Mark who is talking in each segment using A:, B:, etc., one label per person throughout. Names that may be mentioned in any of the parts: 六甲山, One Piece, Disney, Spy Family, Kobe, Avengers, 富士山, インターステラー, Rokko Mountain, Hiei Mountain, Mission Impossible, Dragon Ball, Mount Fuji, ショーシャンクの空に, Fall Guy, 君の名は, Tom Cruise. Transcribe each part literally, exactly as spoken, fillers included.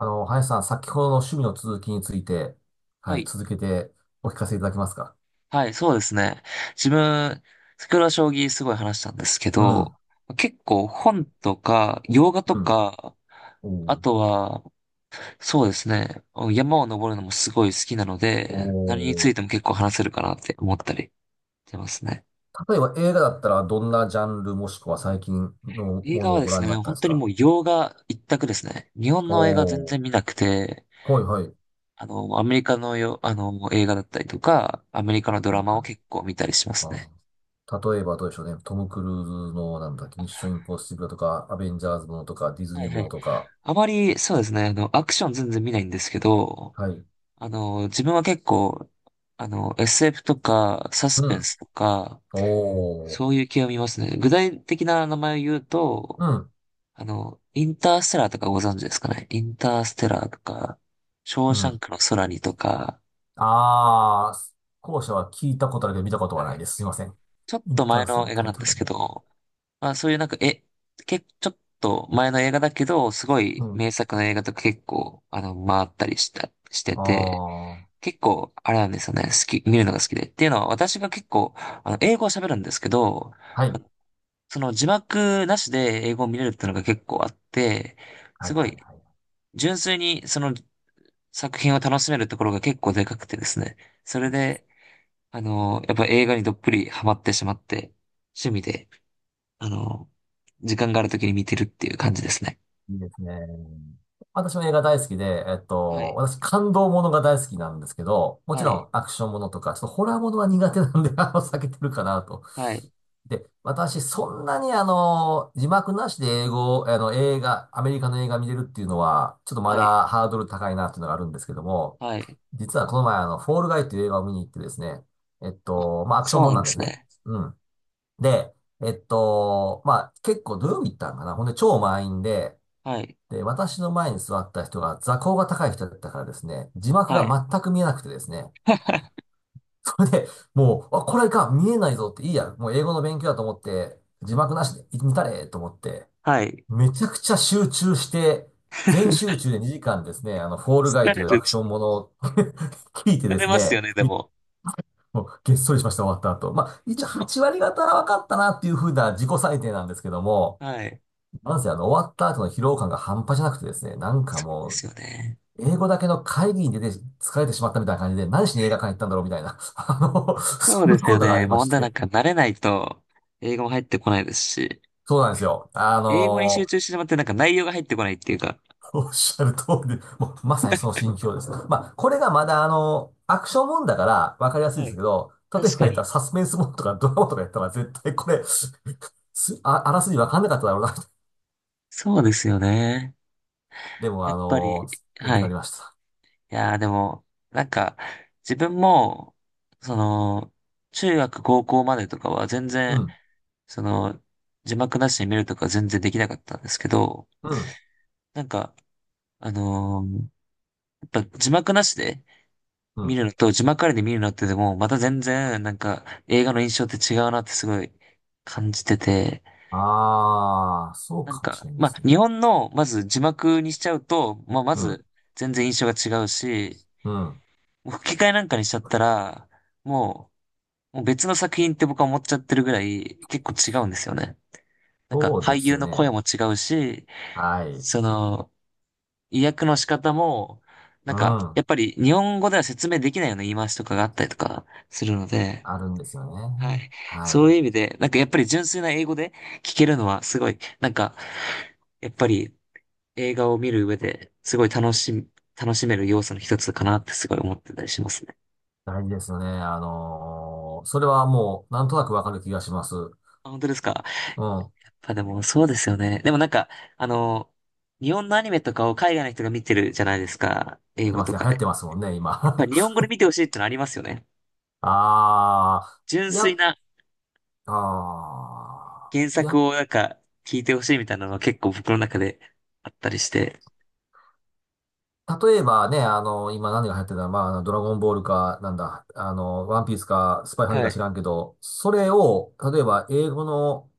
A: あの、林さん、先ほどの趣味の続きについて、は
B: は
A: い、
B: い。
A: 続けてお聞かせいただけますか？
B: はい、そうですね。自分、先ほど将棋すごい話したんですけ
A: う
B: ど、
A: ん、
B: 結構本とか、洋画と
A: うん。
B: か、
A: お
B: あ
A: ー。
B: とは、そうですね、山を登るのもすごい好きなの
A: お
B: で、何につ
A: ー。
B: いても結構話せるかなって思ったりしてますね。
A: 例えば映画だったら、どんなジャンルもしくは
B: は
A: 最
B: い。
A: 近の
B: 映
A: も
B: 画
A: の
B: は
A: を
B: で
A: ご
B: す
A: 覧にな
B: ね、
A: ったん
B: 本
A: です
B: 当に
A: か？
B: もう洋画一択ですね。日本の映画全
A: おー、
B: 然見なくて、
A: はい、はい。
B: あの、アメリカのよ、あの、映画だったりとか、アメリカのド
A: は
B: ラ
A: い、
B: マ
A: は
B: を
A: い。
B: 結構見たりします
A: あ
B: ね。
A: ー例えばどうでしょうね。トム・クルーズの、なんだっけ、ミッション・インポッシブルとか、アベンジャーズものとか、ディズ
B: は
A: ニ
B: い
A: ー
B: は
A: もの
B: い。
A: とか。
B: あまり、そうですね、あの、アクション全然見ないんですけど、
A: はい。
B: あの、自分は結構、あの、エスエフ とか、サス
A: う
B: ペン
A: ん。
B: スとか、
A: お
B: そ
A: ー。
B: ういう系を見ますね。具体的な名前を言うと、
A: うん。
B: あの、インターステラーとかご存知ですかね。インターステラーとか、ショー
A: う
B: シャン
A: ん。
B: クの空にとか、
A: ああ、後者は聞いたことあるけど見たこと
B: は
A: はない
B: い。
A: です。すいません。
B: ちょっ
A: イ
B: と
A: ンタ
B: 前
A: ーセル
B: の
A: の
B: 映画
A: タ
B: な
A: イ
B: ん
A: ト
B: で
A: ル
B: す
A: だけ
B: け
A: ど。
B: ど、まあそういうなんか、え、け、ちょっと前の映画だけど、すご
A: う
B: い
A: ん。
B: 名作の映画とか結構、あの、回ったりした、して
A: あ
B: て、
A: あ、
B: 結構、あれなんですよね。好き、見るのが好きで。っていうのは、私が結構、あの、英語を喋るんですけど、
A: はい。
B: その字幕なしで英語を見れるっていうのが結構あって、
A: は
B: す
A: い
B: ご
A: はい
B: い、
A: はい。
B: 純粋にその作品を楽しめるところが結構でかくてですね。それで、あの、やっぱ映画にどっぷりハマってしまって、趣味で、あの、時間がある時に見てるっていう感じですね。
A: いいですね。私も映画大好きで、えっ
B: は
A: と、
B: い、
A: 私感動ものが大好きなんですけど、もち
B: は
A: ろ
B: い、
A: んアクションものとか、ちょっとホラーものは苦手なんで、あの、避けてるかなと。
B: はい、
A: で、私、そんなにあの、字幕なしで英語、あの、映画、アメリカの映画見れるっていうのは、ちょっとま
B: はい、
A: だハードル高いなっていうのがあるんですけども、
B: はい。
A: 実はこの前あの、フォールガイっていう映画を見に行ってですね、えっ
B: あ、
A: と、まあ、アクション
B: そう
A: もん
B: なん
A: な
B: で
A: んで
B: す
A: すね。
B: ね。
A: うん。で、えっと、まあ、結構土曜日行ったんかな。ほんで、超満員で、
B: はい、
A: で、私の前に座った人が座高が高い人だったからですね、字幕
B: はい、
A: が全く見えなくてですね、それで、もう、あ、これか、見えないぞって、いいや、もう英語の勉強だと思って、字幕なしで見たれと思って、
B: はい。
A: めちゃくちゃ集中して、全集中でにじかんですね、あの、フォールガイ
B: 疲
A: とい
B: れ
A: うア
B: る。
A: クシ
B: 疲
A: ョンものを 聞いてで
B: れ
A: す
B: ますよ
A: ね、
B: ね、で
A: み
B: も。
A: もうげっそりしました、終わった後。まあ、一応はち割方は分かったなっていうふうな自己採点なんですけども、
B: はい。
A: なんせあの、終わった後の疲労感が半端じゃなくてですね、なんか
B: そうで
A: もう、
B: すよね。
A: 英語だけの会議に出て疲れてしまったみたいな感じで、何しに映画館行ったんだろうみたいな、あの、
B: そう
A: そん
B: で
A: な
B: すよ
A: ことがあ
B: ね。
A: り
B: もう
A: ま
B: ほん
A: し
B: となん
A: て。
B: か慣れないと、英語も入ってこないですし、
A: そうなんですよ。あ
B: 英語に
A: の
B: 集
A: ー
B: 中してしまってなんか内容が入ってこないっていうか。
A: おっしゃる通りで、もうまさにその心境です。まあ、これがまだあのアクションもんだからわかりやすい
B: は
A: です
B: い。
A: けど、例え
B: 確
A: ば
B: か
A: 言った
B: に。
A: らサスペンスもんとかドラマとかやったら絶対これす、あ、あらすじわかんなかっただろうな。
B: そうですよね。
A: でも
B: やっ
A: あ
B: ぱり、
A: のー勉強
B: は
A: になり
B: い。
A: ました。
B: いやーでも、なんか、自分も、その、中学、高校までとかは全
A: う
B: 然、
A: ん、
B: その、字幕なしで見るとか全然できなかったんですけど、
A: うん、
B: なんか、あのーやっぱ字幕なしで、
A: う
B: 見
A: ん。
B: るのと、字幕ありで見るのってでも、また全然、なんか、映画の印象って違うなってすごい感じてて、
A: ああ、そう
B: なん
A: かもし
B: か、
A: れないで
B: まあ、
A: すね。
B: 日本の、まず字幕にしちゃうと、まあ、ま
A: うん、
B: ず、全然印象が違うし、
A: うん。
B: もう吹き替えなんかにしちゃったら、もう、もう別の作品って僕は思っちゃってるぐらい、結構違うんですよね。なんか、
A: そう
B: 俳
A: です
B: 優
A: よ
B: の
A: ね。
B: 声も違うし、
A: はい。
B: その、意訳の仕方も、
A: う
B: なんか、や
A: ん。
B: っぱり日本語では説明できないような言い回しとかがあったりとかするので、
A: あるんですよ
B: は
A: ね。
B: い。
A: は
B: そ
A: い。
B: ういう意味で、なんかやっぱり純粋な英語で聞けるのはすごい、なんか、やっぱり映画を見る上ですごい楽しみ、楽しめる要素の一つかなってすごい思ってたりしますね。
A: 大事ですよね。あのーそれはもう、なんとなくわかる気がします。う
B: あ、本当ですか。や
A: ん。
B: っぱでもそうですよね。でもなんか、あの、日本のアニメとかを海外の人が見てるじゃないですか。英
A: 見て
B: 語
A: ま
B: と
A: すね。
B: か
A: 流行っ
B: で。
A: てますもんね、今。
B: やっぱり日本語で見てほしいってのありますよね。
A: ああ、
B: 純粋
A: や、
B: な
A: ああ、
B: 原作
A: や、
B: をなんか聞いてほしいみたいなのは結構僕の中であったりして。
A: 例えばね、あの、今何が流行ってたら、まあ、ドラゴンボールか、なんだ、あの、ワンピースか、スパイファミ
B: は
A: か
B: い。
A: 知らんけど、それを、例えば英語の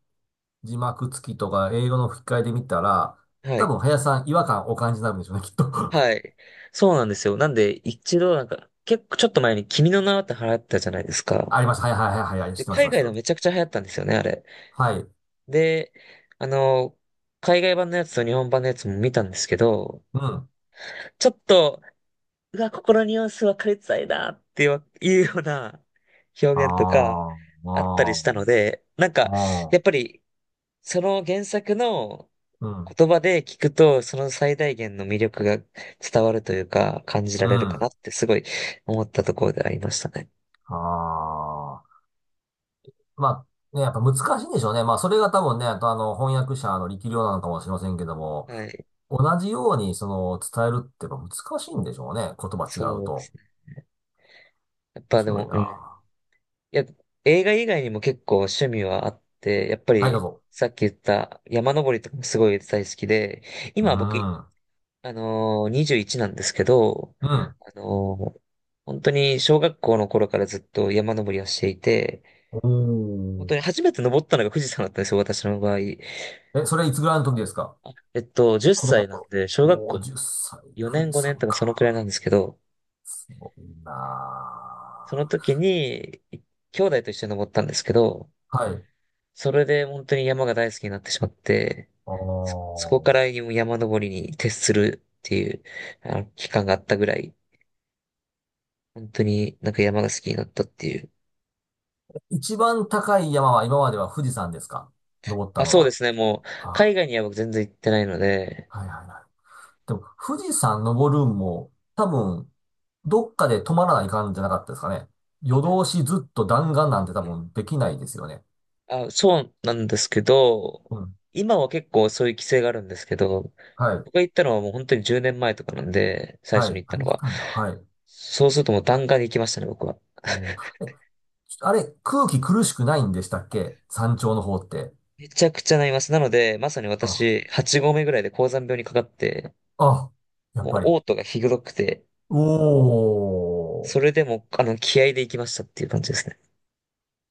A: 字幕付きとか、英語の吹き替えで見たら、
B: は
A: 多
B: い。
A: 分、林さん違和感お感じになるんでしょうね、きっと。
B: はい。そうなんですよ。なんで、一度なんか、結構ちょっと前に君の名はって流行ったじゃないですか。
A: あります。はいはいはいはい、はい知
B: で、
A: ってます、
B: 海
A: 知っ
B: 外
A: て
B: で
A: ま
B: も
A: す。
B: めちゃくちゃ流行ったんですよね、あれ。
A: はい。
B: で、あの、海外版のやつと日本版のやつも見たんですけど、
A: うん。
B: ちょっと、うわ、ここのニュアンス分かりづらいなっていういうような表現とか
A: ああ、
B: あったりしたの
A: あ
B: で、なん
A: あ、
B: か、
A: あ
B: やっ
A: あ、
B: ぱり、その原作の
A: うん、
B: 言葉で聞くと、その最大限の魅力が伝わるというか、感じら
A: う
B: れるかな
A: ん、
B: ってすごい思ったところでありましたね。
A: ああ。まあ、ね、やっぱ難しいんでしょうね。まあ、それが多分ね、あとあの、翻訳者の力量なのかもしれませんけども、
B: はい。
A: 同じようにその、伝えるってやっぱ難しいんでしょうね。言葉違う
B: そうです
A: と。
B: ね。やっ
A: 面
B: ぱで
A: 白い
B: も、うん。い
A: な。
B: や、映画以外にも結構趣味はあって、やっぱ
A: はい、どう
B: り
A: ぞ。
B: さっき言った山登りとかもすごい大好きで、
A: う
B: 今僕、
A: ん、うん。
B: あのー、にじゅういちなんですけど、あのー、本当に小学校の頃からずっと山登りをしていて、
A: お
B: 本当に
A: ー。
B: 初めて登ったのが富士山だったんですよ、私の場合。
A: え、それいつぐらいの時ですか？
B: えっと、10
A: 子供の
B: 歳なん
A: 頃。
B: で、小学
A: おー、
B: 校
A: じゅっさい、
B: 4
A: 富
B: 年
A: 士
B: ごねん
A: 山
B: とかその
A: か。
B: くらいなんですけど、
A: すごいな
B: その
A: あ。
B: 時に、い兄弟と一緒に登ったんですけど、
A: はい。
B: それで本当に山が大好きになってしまって、
A: あ
B: そ、そこから
A: あ。
B: 山登りに徹するっていう、あの、期間があったぐらい、本当になんか山が好きになったっていう。
A: 一番高い山は今までは富士山ですか？登った
B: あ、
A: の
B: そうで
A: は。
B: すね、もう、
A: あ、
B: 海外には僕全然行ってないので、
A: はいはいはい。でも、富士山登るんも、多分、どっかで止まらない感じじゃなかったですかね。夜
B: あ
A: 通しずっと弾丸なんて多分できないですよね。
B: あ、そうなんですけど、
A: うん。
B: 今は結構そういう規制があるんですけど、
A: はい。
B: 僕が行ったのはもう本当にじゅうねんまえとかなんで、最
A: は
B: 初
A: い。
B: に行っ
A: あ
B: た
A: れ、
B: の
A: いけ
B: は。
A: たんだ。はい。
B: そうするともう弾丸に行きましたね、僕は。
A: おーえ、あれ、空気苦しくないんでしたっけ山頂の方って。
B: めちゃくちゃなります。なので、まさに
A: あ、
B: 私、はち合目ぐらいで高山病にかかって、
A: あ、やっ
B: も
A: ぱり。
B: う嘔吐がひどくて、
A: お
B: そ
A: ー。
B: れでも、あの、気合で行きましたっていう感じですね。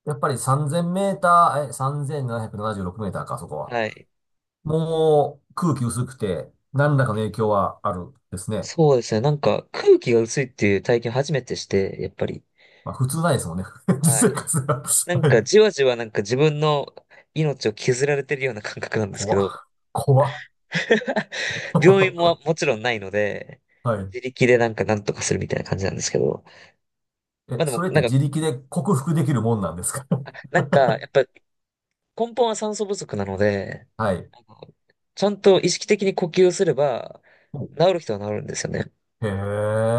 A: やっぱりさんぜんメーター、え、さんぜんななひゃくななじゅうろくメーターか、そこは。
B: はい。
A: もう空気薄くて、何らかの影響はあるですね。
B: そうですね。なんか、空気が薄いっていう体験初めてして、やっぱり。
A: まあ普通ないですもんね。
B: は
A: 実生
B: い。
A: 活が。
B: なん
A: は
B: か、
A: い。
B: じわじわなんか自分の命を削られてるような感覚なんですけ
A: 怖っ。
B: ど、
A: 怖っ。
B: 病院も もちろんないので、
A: はい。
B: 自力でなんかなんとかするみたいな感じなんですけど、ま
A: え、
B: あで
A: そ
B: も、
A: れっ
B: な
A: て
B: んか、
A: 自力で克服できるもんなんですか？
B: あ なんか、やっぱ根本は酸素不足なので、
A: はい。
B: あのちゃんと意識的に呼吸をすれば、
A: お
B: 治る人は治るんですよね。
A: へえ。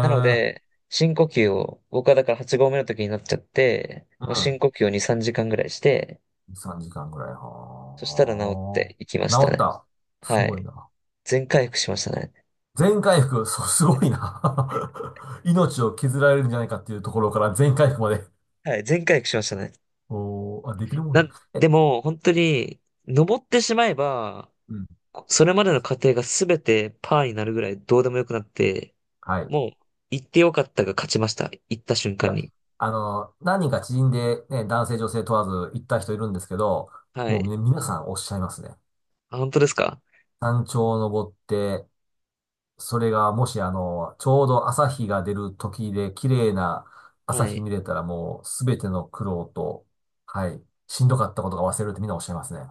B: なので、深呼吸を、僕はだからはち合目の時になっちゃって、もう深
A: ん。
B: 呼吸をに、さんじかんぐらいして、
A: さんじかんぐらい。
B: そしたら治っ
A: は
B: ていきま
A: あ。
B: した
A: 治っ
B: ね。
A: た。す
B: は
A: ごい
B: い。
A: な。
B: 全回復しましたね。
A: 全回復。そう、す
B: は
A: ご
B: い。
A: いな。命を削られるんじゃないかっていうところから全回復まで。
B: はい、全回復しましたね。
A: おー、あ、できるも
B: な
A: んだ。
B: ん、
A: え、
B: でも、本当に、登ってしまえば、
A: うん。
B: それまでの過程がすべてパーになるぐらいどうでもよくなって、
A: はい。
B: もう、行ってよかったが勝ちました。行った瞬
A: い
B: 間
A: や、
B: に。
A: あの、何人か知人でね、男性女性問わず行った人いるんですけど、
B: は
A: もう
B: い。
A: ね、皆さんおっしゃいますね。
B: あ、本当ですか。
A: 山頂を登って、それがもしあの、ちょうど朝日が出る時で綺麗な朝
B: は
A: 日
B: い。
A: 見れたらもうすべての苦労と、はい、しんどかったことが忘れるってみんなおっしゃいますね。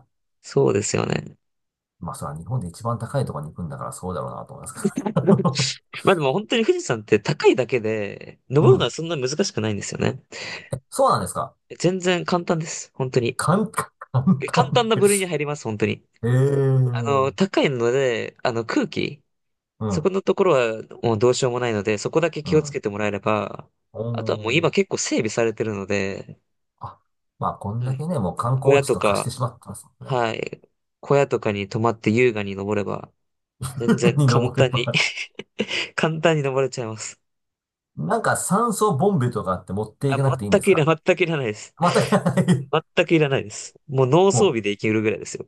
B: そうですよね。
A: まあそれは日本で一番高いところに行くんだからそうだろうなと思いますけ ど。
B: まあでも本当に富士山って高いだけで、
A: う
B: 登るのは
A: ん。
B: そんな難しくないんですよね。
A: そうなんですか。
B: 全然簡単です。本当に。
A: 簡単、簡
B: 簡単
A: 単
B: な
A: で
B: 部
A: て。
B: 類に入ります、本当に。
A: ええ
B: あ
A: う
B: の、
A: ん、
B: 高いので、あの、空気。そこ
A: う
B: のところはもうどうしようもないので、そこだけ気をつ
A: ん。
B: けてもらえれば、
A: お
B: あとはもう
A: ー
B: 今結構整備されてるので、
A: あ。まあ、こん
B: は
A: だ
B: い、
A: けね、もう観
B: 小
A: 光
B: 屋
A: 地
B: と
A: と化して
B: か、
A: しまってますもんね。
B: はい、小屋とかに泊まって優雅に登れば、全 然
A: に
B: 簡
A: 登れ
B: 単に
A: ば。
B: 簡単に登れちゃいます。
A: なんか酸素ボンベとかって持ってい
B: あ、
A: かなくていいん
B: 全
A: で
B: く
A: す
B: いら、
A: か？
B: 全くいらないです。
A: 全くない。
B: 全くいらないです。もう脳
A: も
B: 装
A: う、
B: 備でいけるぐらいですよ。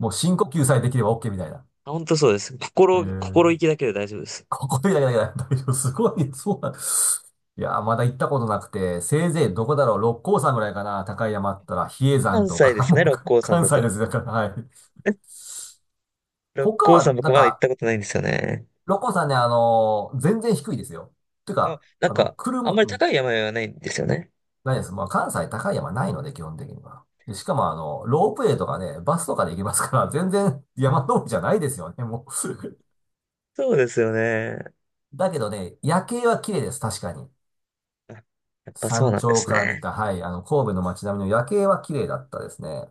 A: もう深呼吸さえできれば オーケー みたいな。
B: あ、本当そうです。
A: え
B: 心、心
A: ー、
B: 意気だけで大丈夫です。
A: ここでだけだけだ。大丈夫。すごい。そうなんいやー、まだ行ったことなくて、せいぜいどこだろう。六甲山ぐらいかな。高い山あったら、比叡山
B: 関
A: と
B: 西で
A: か、
B: す
A: も
B: ね、
A: う
B: 六
A: か
B: 甲山
A: 関
B: だ
A: 西
B: と。
A: です。だから、はい。
B: 六
A: 他
B: 甲山
A: は、
B: 僕
A: なん
B: まだ行っ
A: か、
B: たことないんですよね。
A: 六甲山ね、あのー全然低いですよ。て
B: あ、
A: か、
B: なん
A: あの、
B: か、あん
A: 車、
B: まり高い山々はないんですよね。
A: ないです。まあ、関西高い山ないので、基本的には。で、しかも、あの、ロープウェイとかね、バスとかで行けますから、全然山登りじゃないですよね、もう。
B: そうですよね。
A: だけどね、夜景は綺麗です、確かに。
B: あ、やっぱそう
A: 山
B: なんで
A: 頂
B: す
A: から見
B: ね。
A: た、はい、あの、神戸の街並みの夜景は綺麗だったですね。